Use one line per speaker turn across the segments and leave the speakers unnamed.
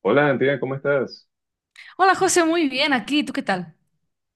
Hola, Antigua, ¿cómo estás?
Hola José, muy bien aquí. ¿Tú qué tal?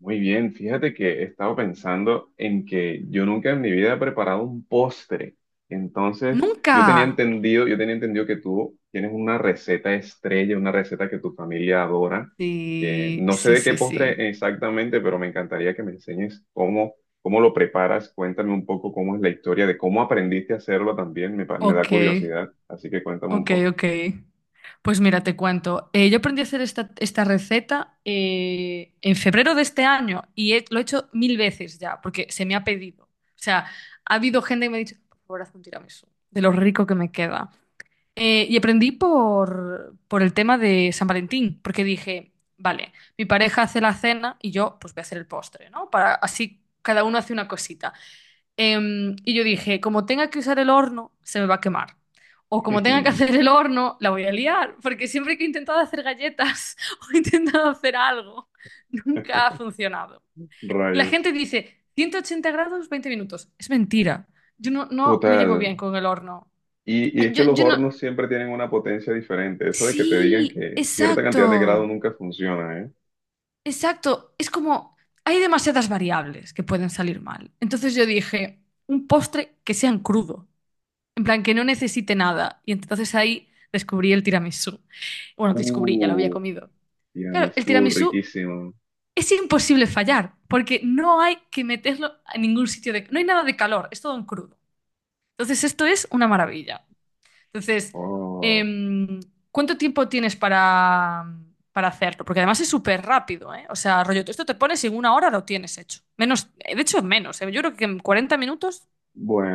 Muy bien, fíjate que he estado pensando en que yo nunca en mi vida he preparado un postre. Entonces,
Nunca.
yo tenía entendido que tú tienes una receta estrella, una receta que tu familia adora.
Sí,
No sé
sí,
de qué
sí, sí.
postre exactamente, pero me encantaría que me enseñes cómo lo preparas. Cuéntame un poco cómo es la historia de cómo aprendiste a hacerlo también. Me da
Ok,
curiosidad, así que cuéntame un
ok,
poco.
ok. Pues mira, te cuento. Yo aprendí a hacer esta receta en febrero de este año y lo he hecho mil veces ya porque se me ha pedido. O sea, ha habido gente que me ha dicho, por favor, haz un tiramisú, de lo rico que me queda. Y aprendí por el tema de San Valentín, porque dije, vale, mi pareja hace la cena y yo pues voy a hacer el postre, ¿no? Para, así cada uno hace una cosita. Y yo dije, como tenga que usar el horno, se me va a quemar. O como tenga que hacer el horno, la voy a liar, porque siempre que he intentado hacer galletas o he intentado hacer algo, nunca ha funcionado. La
Rayos.
gente dice, 180 grados, 20 minutos. Es mentira. Yo no me llevo
Total.
bien con el horno.
Y es que
Yo,
los
yo no.
hornos siempre tienen una potencia diferente. Eso de que te digan
Sí,
que cierta cantidad de grado
exacto,
nunca funciona, ¿eh?
exacto. Es como, hay demasiadas variables que pueden salir mal. Entonces yo dije, un postre que sea en crudo, en plan que no necesite nada. Y entonces ahí descubrí el tiramisú. Bueno, descubrí, ya lo había
Uh,
comido. Claro, el
tiramisú,
tiramisú
riquísimo.
es imposible fallar, porque no hay que meterlo a ningún sitio de. No hay nada de calor, es todo en crudo. Entonces esto es una maravilla. Entonces,
Oh.
em, ¿cuánto tiempo tienes para hacerlo? Porque además es súper rápido, ¿eh? O sea, rollo, esto te pones y en una hora lo tienes hecho. Menos, de hecho, menos, ¿eh? Yo creo que en 40 minutos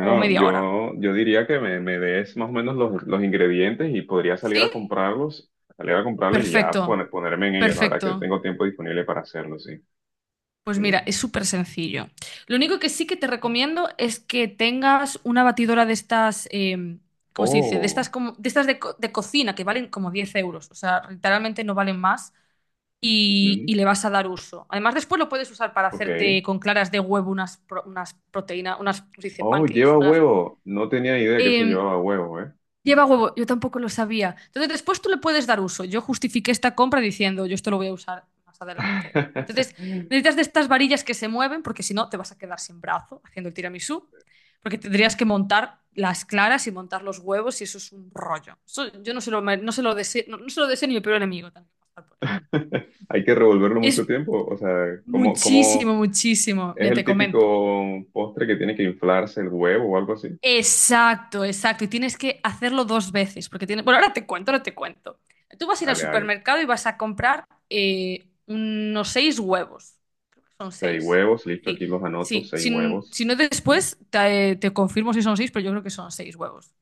o media hora.
yo diría que me des más o menos los ingredientes y podría
¿Sí?
salir a comprarlos y ya
Perfecto,
ponerme en ellos. La verdad
perfecto.
que tengo tiempo disponible para hacerlo, sí.
Pues mira,
Sí.
es súper sencillo. Lo único que sí que te recomiendo es que tengas una batidora de estas, ¿cómo se dice? De estas,
Oh,
como, de, estas de, de cocina que valen como 10 euros. O sea, literalmente no valen más. y,
ujú,
y le vas a dar uso. Además, después lo puedes usar para
ok.
hacerte con claras de huevo unas, unas proteínas, unas, ¿cómo se dice?
Oh,
Pancakes,
lleva
unas.
huevo. No tenía idea que eso
Eh,
llevaba huevo, ¿eh?
lleva huevo, yo tampoco lo sabía. Entonces, después tú le puedes dar uso. Yo justifiqué esta compra diciendo, yo esto lo voy a usar más adelante. Entonces, necesitas de estas varillas que se mueven, porque si no, te vas a quedar sin brazo haciendo el tiramisú, porque tendrías que montar las claras y montar los huevos y eso es un rollo. Eso yo no, no se lo deseo ni mi peor enemigo. Tengo pasar por él.
Hay que revolverlo
Es
mucho tiempo. O sea,
Muchísimo,
¿cómo
muchísimo.
es
Mira,
el
te comento.
típico postre que tiene que inflarse el huevo o algo así?
Exacto, exacto. Y tienes que hacerlo dos veces, porque tiene. Bueno, ahora te cuento, ahora te cuento. Tú vas a ir al
Dale, dale.
supermercado y vas a comprar unos seis huevos. Creo que son
Seis
seis.
huevos, listo,
Sí,
aquí los anoto,
sí.
seis
Si,
huevos.
si no,
Ujú,
después te confirmo si son seis, pero yo creo que son seis huevos.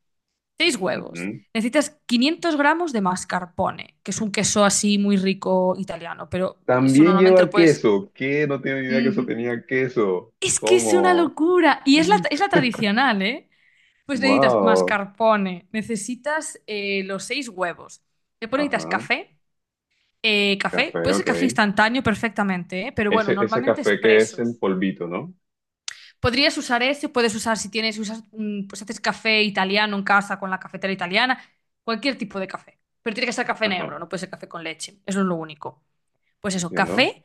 Seis huevos.
ujú.
Necesitas 500 gramos de mascarpone, que es un queso así muy rico italiano, pero eso
También
normalmente lo
lleva
puedes.
queso. ¿Qué? No tenía ni idea que eso
Ujú.
tenía queso.
Es que es una
¿Cómo?
locura. Y es la tradicional, ¿eh? Pues necesitas
Wow.
mascarpone, necesitas los seis huevos. Después necesitas
Ajá.
café. Café,
Café,
puede ser café
ok.
instantáneo perfectamente, ¿eh? Pero bueno,
Ese
normalmente
café que es en
expresos.
polvito, ¿no?
Podrías usar ese, puedes usar si tienes, usas, pues haces café italiano en casa con la cafetera italiana, cualquier tipo de café. Pero tiene que ser café
Ajá,
negro, no puede ser café con leche. Eso es lo único pues eso,
entiendo.
café.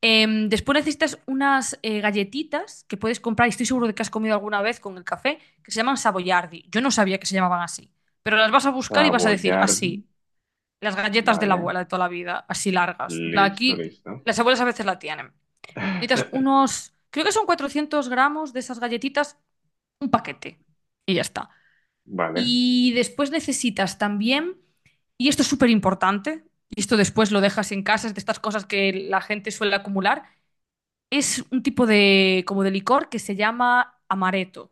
Después necesitas unas galletitas que puedes comprar, y estoy seguro de que has comido alguna vez con el café, que se llaman Savoyardi. Yo no sabía que se llamaban así, pero las vas a buscar y vas a decir
Savoyardi.
así, las galletas de la
Vale.
abuela de toda la vida, así largas. En plan,
Listo,
aquí
listo.
las abuelas a veces la tienen. Necesitas unos, creo que son 400 gramos de esas galletitas, un paquete, y ya está.
Vale.
Y después necesitas también, y esto es súper importante, y esto después lo dejas en casa, es de estas cosas que la gente suele acumular, es un tipo de, como de licor que se llama amaretto.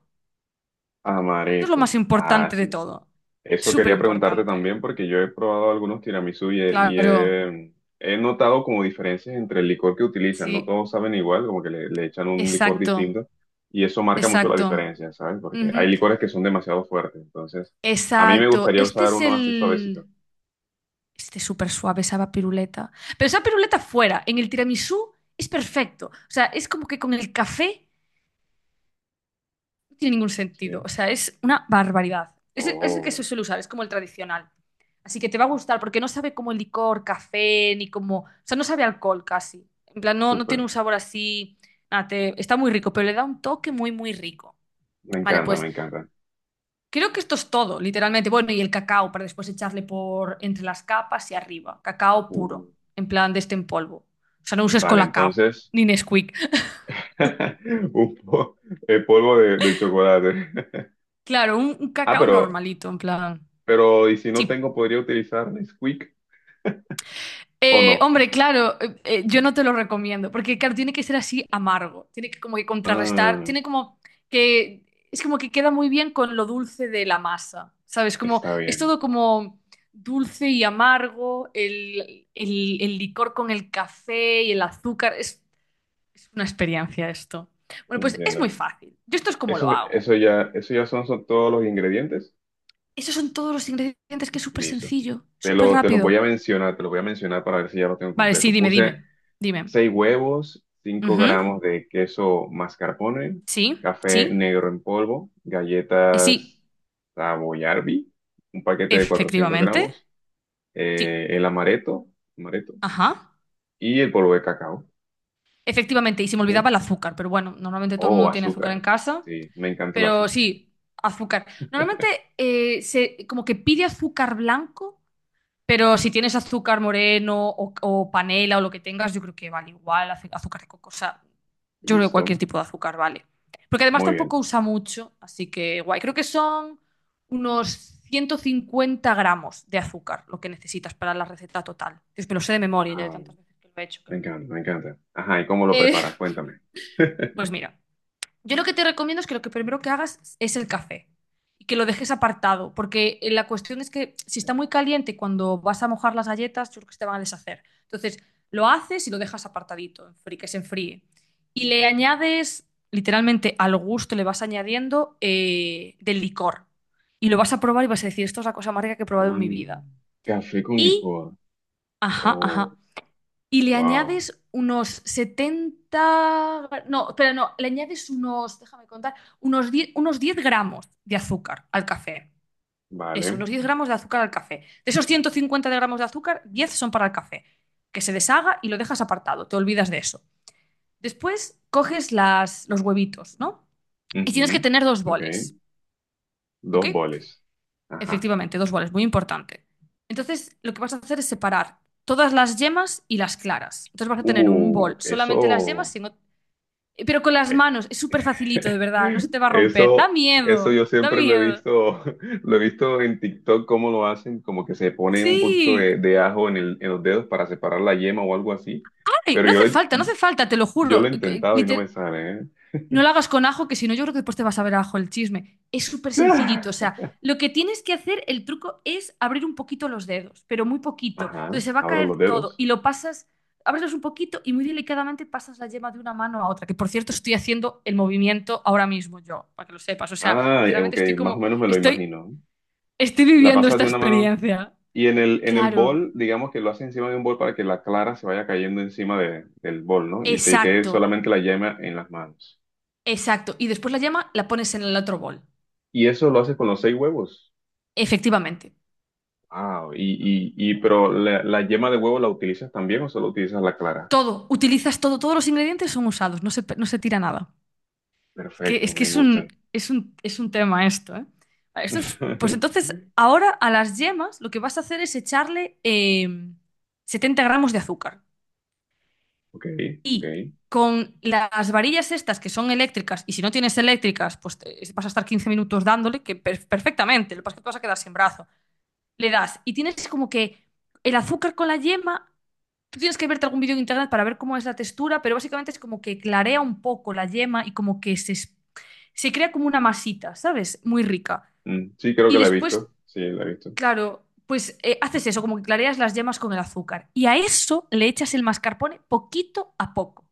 Esto es lo más
Amaretto. Ah,
importante de
sí.
todo.
Eso
Súper
quería preguntarte
importante.
también porque yo he probado algunos tiramisú
Claro,
he notado como diferencias entre el licor que utilizan. No
sí,
todos saben igual, como que le echan un licor
exacto,
distinto y eso marca mucho la
exacto.
diferencia, ¿sabes? Porque hay
Ujú,
licores que son demasiado fuertes. Entonces, a mí me
exacto.
gustaría
Este
usar
es
uno así suavecito.
el. Este es súper suave, esa piruleta. Pero esa piruleta fuera, en el tiramisú, es perfecto. O sea, es como que con el café tiene ningún sentido. O
Sí.
sea, es una barbaridad. Es el que se
Oh,
suele usar, es como el tradicional. Así que te va a gustar porque no sabe como licor, café, ni como. O sea, no sabe a alcohol casi. En plan, no, no tiene
súper.
un sabor así. Nada, está muy rico, pero le da un toque muy, muy rico.
Me
Vale,
encanta,
pues
me encanta.
creo que esto es todo, literalmente. Bueno, y el cacao para después echarle por entre las capas y arriba. Cacao
Uh,
puro, en plan de este en polvo. O sea, no uses
Vale,
colacao,
entonces,
ni Nesquik.
un po- el polvo de chocolate.
Claro, un
Ah,
cacao
pero
normalito, en plan.
Pero, ¿y si
Sí,
no tengo, podría utilizar Nesquik o no?
Hombre, claro, yo no te lo recomiendo, porque claro, tiene que ser así amargo, tiene que como que contrarrestar,
Ah,
tiene como que, es como que queda muy bien con lo dulce de la masa, ¿sabes? Como,
está
es
bien,
todo como dulce y amargo, el licor con el café y el azúcar, es una experiencia esto. Bueno, pues es muy
entiendo.
fácil, yo esto es como lo hago.
Eso ya son, son todos los ingredientes.
Esos son todos los ingredientes que es súper
Listo.
sencillo, súper
Te los
rápido.
voy a mencionar, te los voy a mencionar para ver si ya lo tengo
Vale, sí,
completo.
dime,
Puse
dime, dime.
seis huevos, cinco
Ujú,
gramos de queso mascarpone,
sí,
café
sí.
negro en polvo,
Sí,
galletas Savoyardi, un paquete de 400
efectivamente.
gramos,
Sí,
el amaretto, amaretto
ajá.
y el polvo de cacao.
Efectivamente, y se me
¿Sí?
olvidaba el azúcar, pero bueno, normalmente todo el
Oh,
mundo tiene azúcar en
azúcar.
casa,
Sí, me encanta el
pero
azúcar.
sí, azúcar. Normalmente se como que pide azúcar blanco, pero si tienes azúcar moreno o panela o lo que tengas, yo creo que vale igual, azúcar de coco, o sea, yo creo que cualquier
Listo.
tipo de azúcar vale. Porque además
Muy
tampoco
bien.
usa mucho, así que guay. Creo que son unos 150 gramos de azúcar lo que necesitas para la receta total. Dios, me lo sé de memoria ya de
Ah,
tantas veces que lo he hecho. Qué
me
locura.
encanta, me encanta. Ajá, ¿y cómo lo
Eh,
preparas? Cuéntame.
pues mira, yo lo que te recomiendo es que lo que primero que hagas es el café y que lo dejes apartado, porque la cuestión es que si está muy caliente cuando vas a mojar las galletas, yo creo que se te van a deshacer. Entonces, lo haces y lo dejas apartadito, que se enfríe. Y le añades, literalmente al gusto le vas añadiendo del licor. Y lo vas a probar y vas a decir, esto es la cosa más rica que he probado en mi
Mm,
vida.
café con
Y,
licuado.
ajá,
Oh,
ajá. Y le
wow.
añades unos, 70 gra- no, pero no, le añades unos, déjame contar, unos diez gramos de azúcar al café. Eso,
Vale.
unos 10 gramos de azúcar al café. De esos 150 de gramos de azúcar, 10 son para el café, que se deshaga y lo dejas apartado, te olvidas de eso. Después coges los huevitos, ¿no? Y tienes que
Ujú.
tener dos
Ok.
boles, ¿ok?
Dos boles. Ajá.
Efectivamente, dos boles, muy importante. Entonces, lo que vas a hacer es separar todas las yemas y las claras. Entonces vas a tener un bol solamente las yemas
Eso.
sin. Pero con las manos, es súper facilito, de verdad, no se te va a romper. Da
Eso, eso
miedo,
yo
da
siempre lo he
miedo.
visto, lo he visto en TikTok cómo lo hacen, como que se ponen un poquito
Sí.
de ajo en en los dedos para separar la yema o algo así,
Ay,
pero
no hace falta, no hace falta, te lo
yo lo
juro.
he
Eh, eh,
intentado y no me
liter-
sale, ¿eh?
no lo hagas con ajo, que si no, yo creo que después te vas a ver ajo el chisme. Es súper sencillito, o sea, lo que tienes que hacer, el truco es abrir un poquito los dedos, pero muy poquito.
Ajá,
Entonces se va a
abro los
caer todo
dedos.
y lo pasas, abres un poquito y muy delicadamente pasas la yema de una mano a otra, que por cierto estoy haciendo el movimiento ahora mismo yo, para que lo sepas. O sea,
Ah,
literalmente
ok,
estoy
más o
como,
menos me lo
estoy
imagino.
Estoy
La
viviendo
pasas
esta
de una mano
experiencia.
y en en el
Claro,
bol, digamos que lo haces encima de un bol para que la clara se vaya cayendo encima del bol, ¿no? Y te quede
exacto,
solamente la yema en las manos.
exacto. Y después la yema la pones en el otro bol.
Y eso lo haces con los seis huevos.
Efectivamente.
Ah, pero la yema de huevo la utilizas también o solo utilizas la clara?
Todo, utilizas todo, todos los ingredientes son usados, no se tira nada. Es que
Perfecto,
es, que
me
es un,
gustan.
es un, es un tema esto, ¿eh? Vale, pues entonces, ahora a las yemas lo que vas a hacer es echarle 70 gramos de azúcar.
Ok, ok.
Y con las varillas estas que son eléctricas, y si no tienes eléctricas, pues vas a estar 15 minutos dándole, que perfectamente, lo que pasa es que te vas a quedar sin brazo. Le das y tienes como que el azúcar con la yema, tú tienes que verte algún vídeo en internet para ver cómo es la textura, pero básicamente es como que clarea un poco la yema y como que se, se crea como una masita, ¿sabes? Muy rica.
Mm, sí, creo
Y
que la he
después,
visto. Sí, la he visto.
claro, pues haces eso, como que clareas las yemas con el azúcar. Y a eso le echas el mascarpone poquito a poco.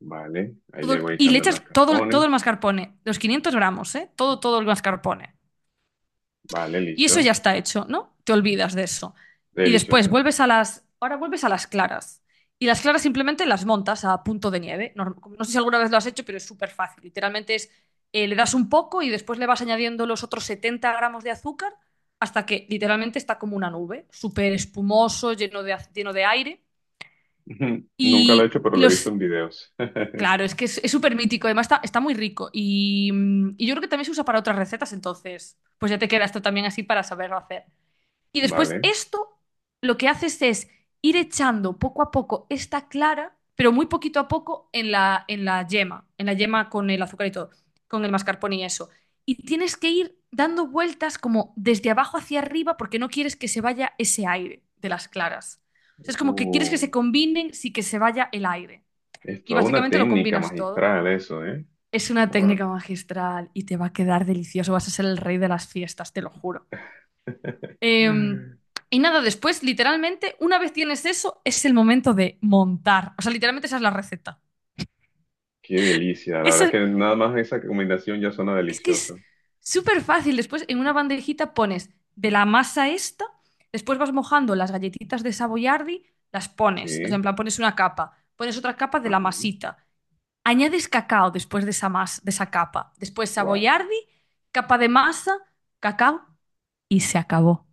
Vale, ahí le
todo-
voy
y le
echando
echas todo, todo
mascarpone.
el mascarpone, los 500 gramos, ¿eh? Todo, todo el mascarpone.
Vale,
Y eso
listo.
ya está hecho, ¿no? Te olvidas de eso. Y después
Delicioso.
ahora vuelves a las claras. Y las claras simplemente las montas a punto de nieve. No, no sé si alguna vez lo has hecho, pero es súper fácil. Literalmente es, le das un poco y después le vas añadiendo los otros 70 gramos de azúcar hasta que literalmente está como una nube, súper espumoso, lleno de aire.
Nunca lo he
Y
hecho, pero lo he visto
los,
en videos.
Claro, es que es súper mítico, además está muy rico y yo creo que también se usa para otras recetas, entonces pues ya te queda esto también así para saberlo hacer. Y después
Vale.
esto lo que haces es ir echando poco a poco esta clara, pero muy poquito a poco en la yema, en la yema con el azúcar y todo, con el mascarpone y eso. Y tienes que ir dando vueltas como desde abajo hacia arriba porque no quieres que se vaya ese aire de las claras. O sea, es como que quieres que
Uh,
se combinen sin que se vaya el aire.
es
Y
toda una
básicamente lo
técnica
combinas todo.
magistral eso, ¿eh?
Es una técnica
Wow.
magistral y te va a quedar delicioso. Vas a ser el rey de las fiestas, te lo juro. Eh, y nada, después, literalmente, una vez tienes eso, es el momento de montar. O sea, literalmente esa es la receta.
Qué delicia. La verdad es
Esa-
que nada más esa combinación ya suena
es que es
delicioso.
súper fácil. Después, en una bandejita pones de la masa esta, después vas mojando las galletitas de Savoyardi, las pones. O sea,
Sí.
en plan, pones una capa, pones otra capa de la
Ajá.
masita. Añades cacao después de esa masa, de esa capa. Después saboyardi, capa de masa, cacao y se acabó.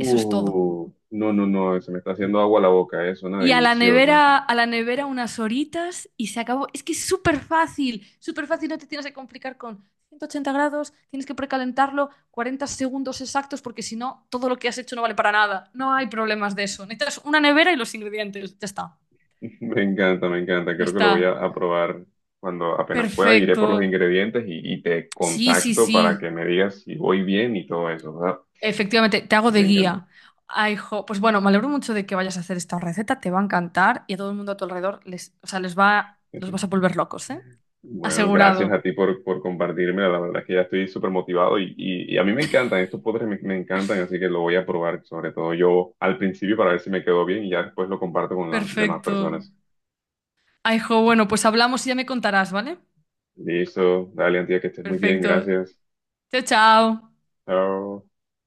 Eso es todo.
No, no, no, se me está haciendo agua la boca, suena
Y
delicioso.
a la nevera unas horitas y se acabó. Es que es súper fácil, no te tienes que complicar con 180 grados, tienes que precalentarlo 40 segundos exactos porque si no, todo lo que has hecho no vale para nada. No hay problemas de eso. Necesitas una nevera y los ingredientes. Ya está.
Me encanta,
Ya
creo que
está.
a probar cuando apenas pueda, iré
Perfecto.
por los ingredientes y te
Sí, sí,
contacto para que
sí.
me digas si voy bien y todo eso, ¿verdad?
Efectivamente, te hago de
Me encanta.
guía. Ay, jo, pues bueno, me alegro mucho de que vayas a hacer esta receta, te va a encantar y a todo el mundo a tu alrededor les, o sea, les va, los vas a volver locos, ¿eh?
Bueno, gracias
Asegurado.
a ti por compartirme, la verdad es que ya estoy súper motivado y a mí me encantan, estos postres me encantan, así que lo voy a probar, sobre todo yo al principio para ver si me quedó bien y ya después lo comparto con las demás
Perfecto.
personas.
Ay, jo, bueno, pues hablamos y ya me contarás, ¿vale?
Listo, dale, Antía, que estés muy bien,
Perfecto.
gracias.
Chao, chao.
Chao.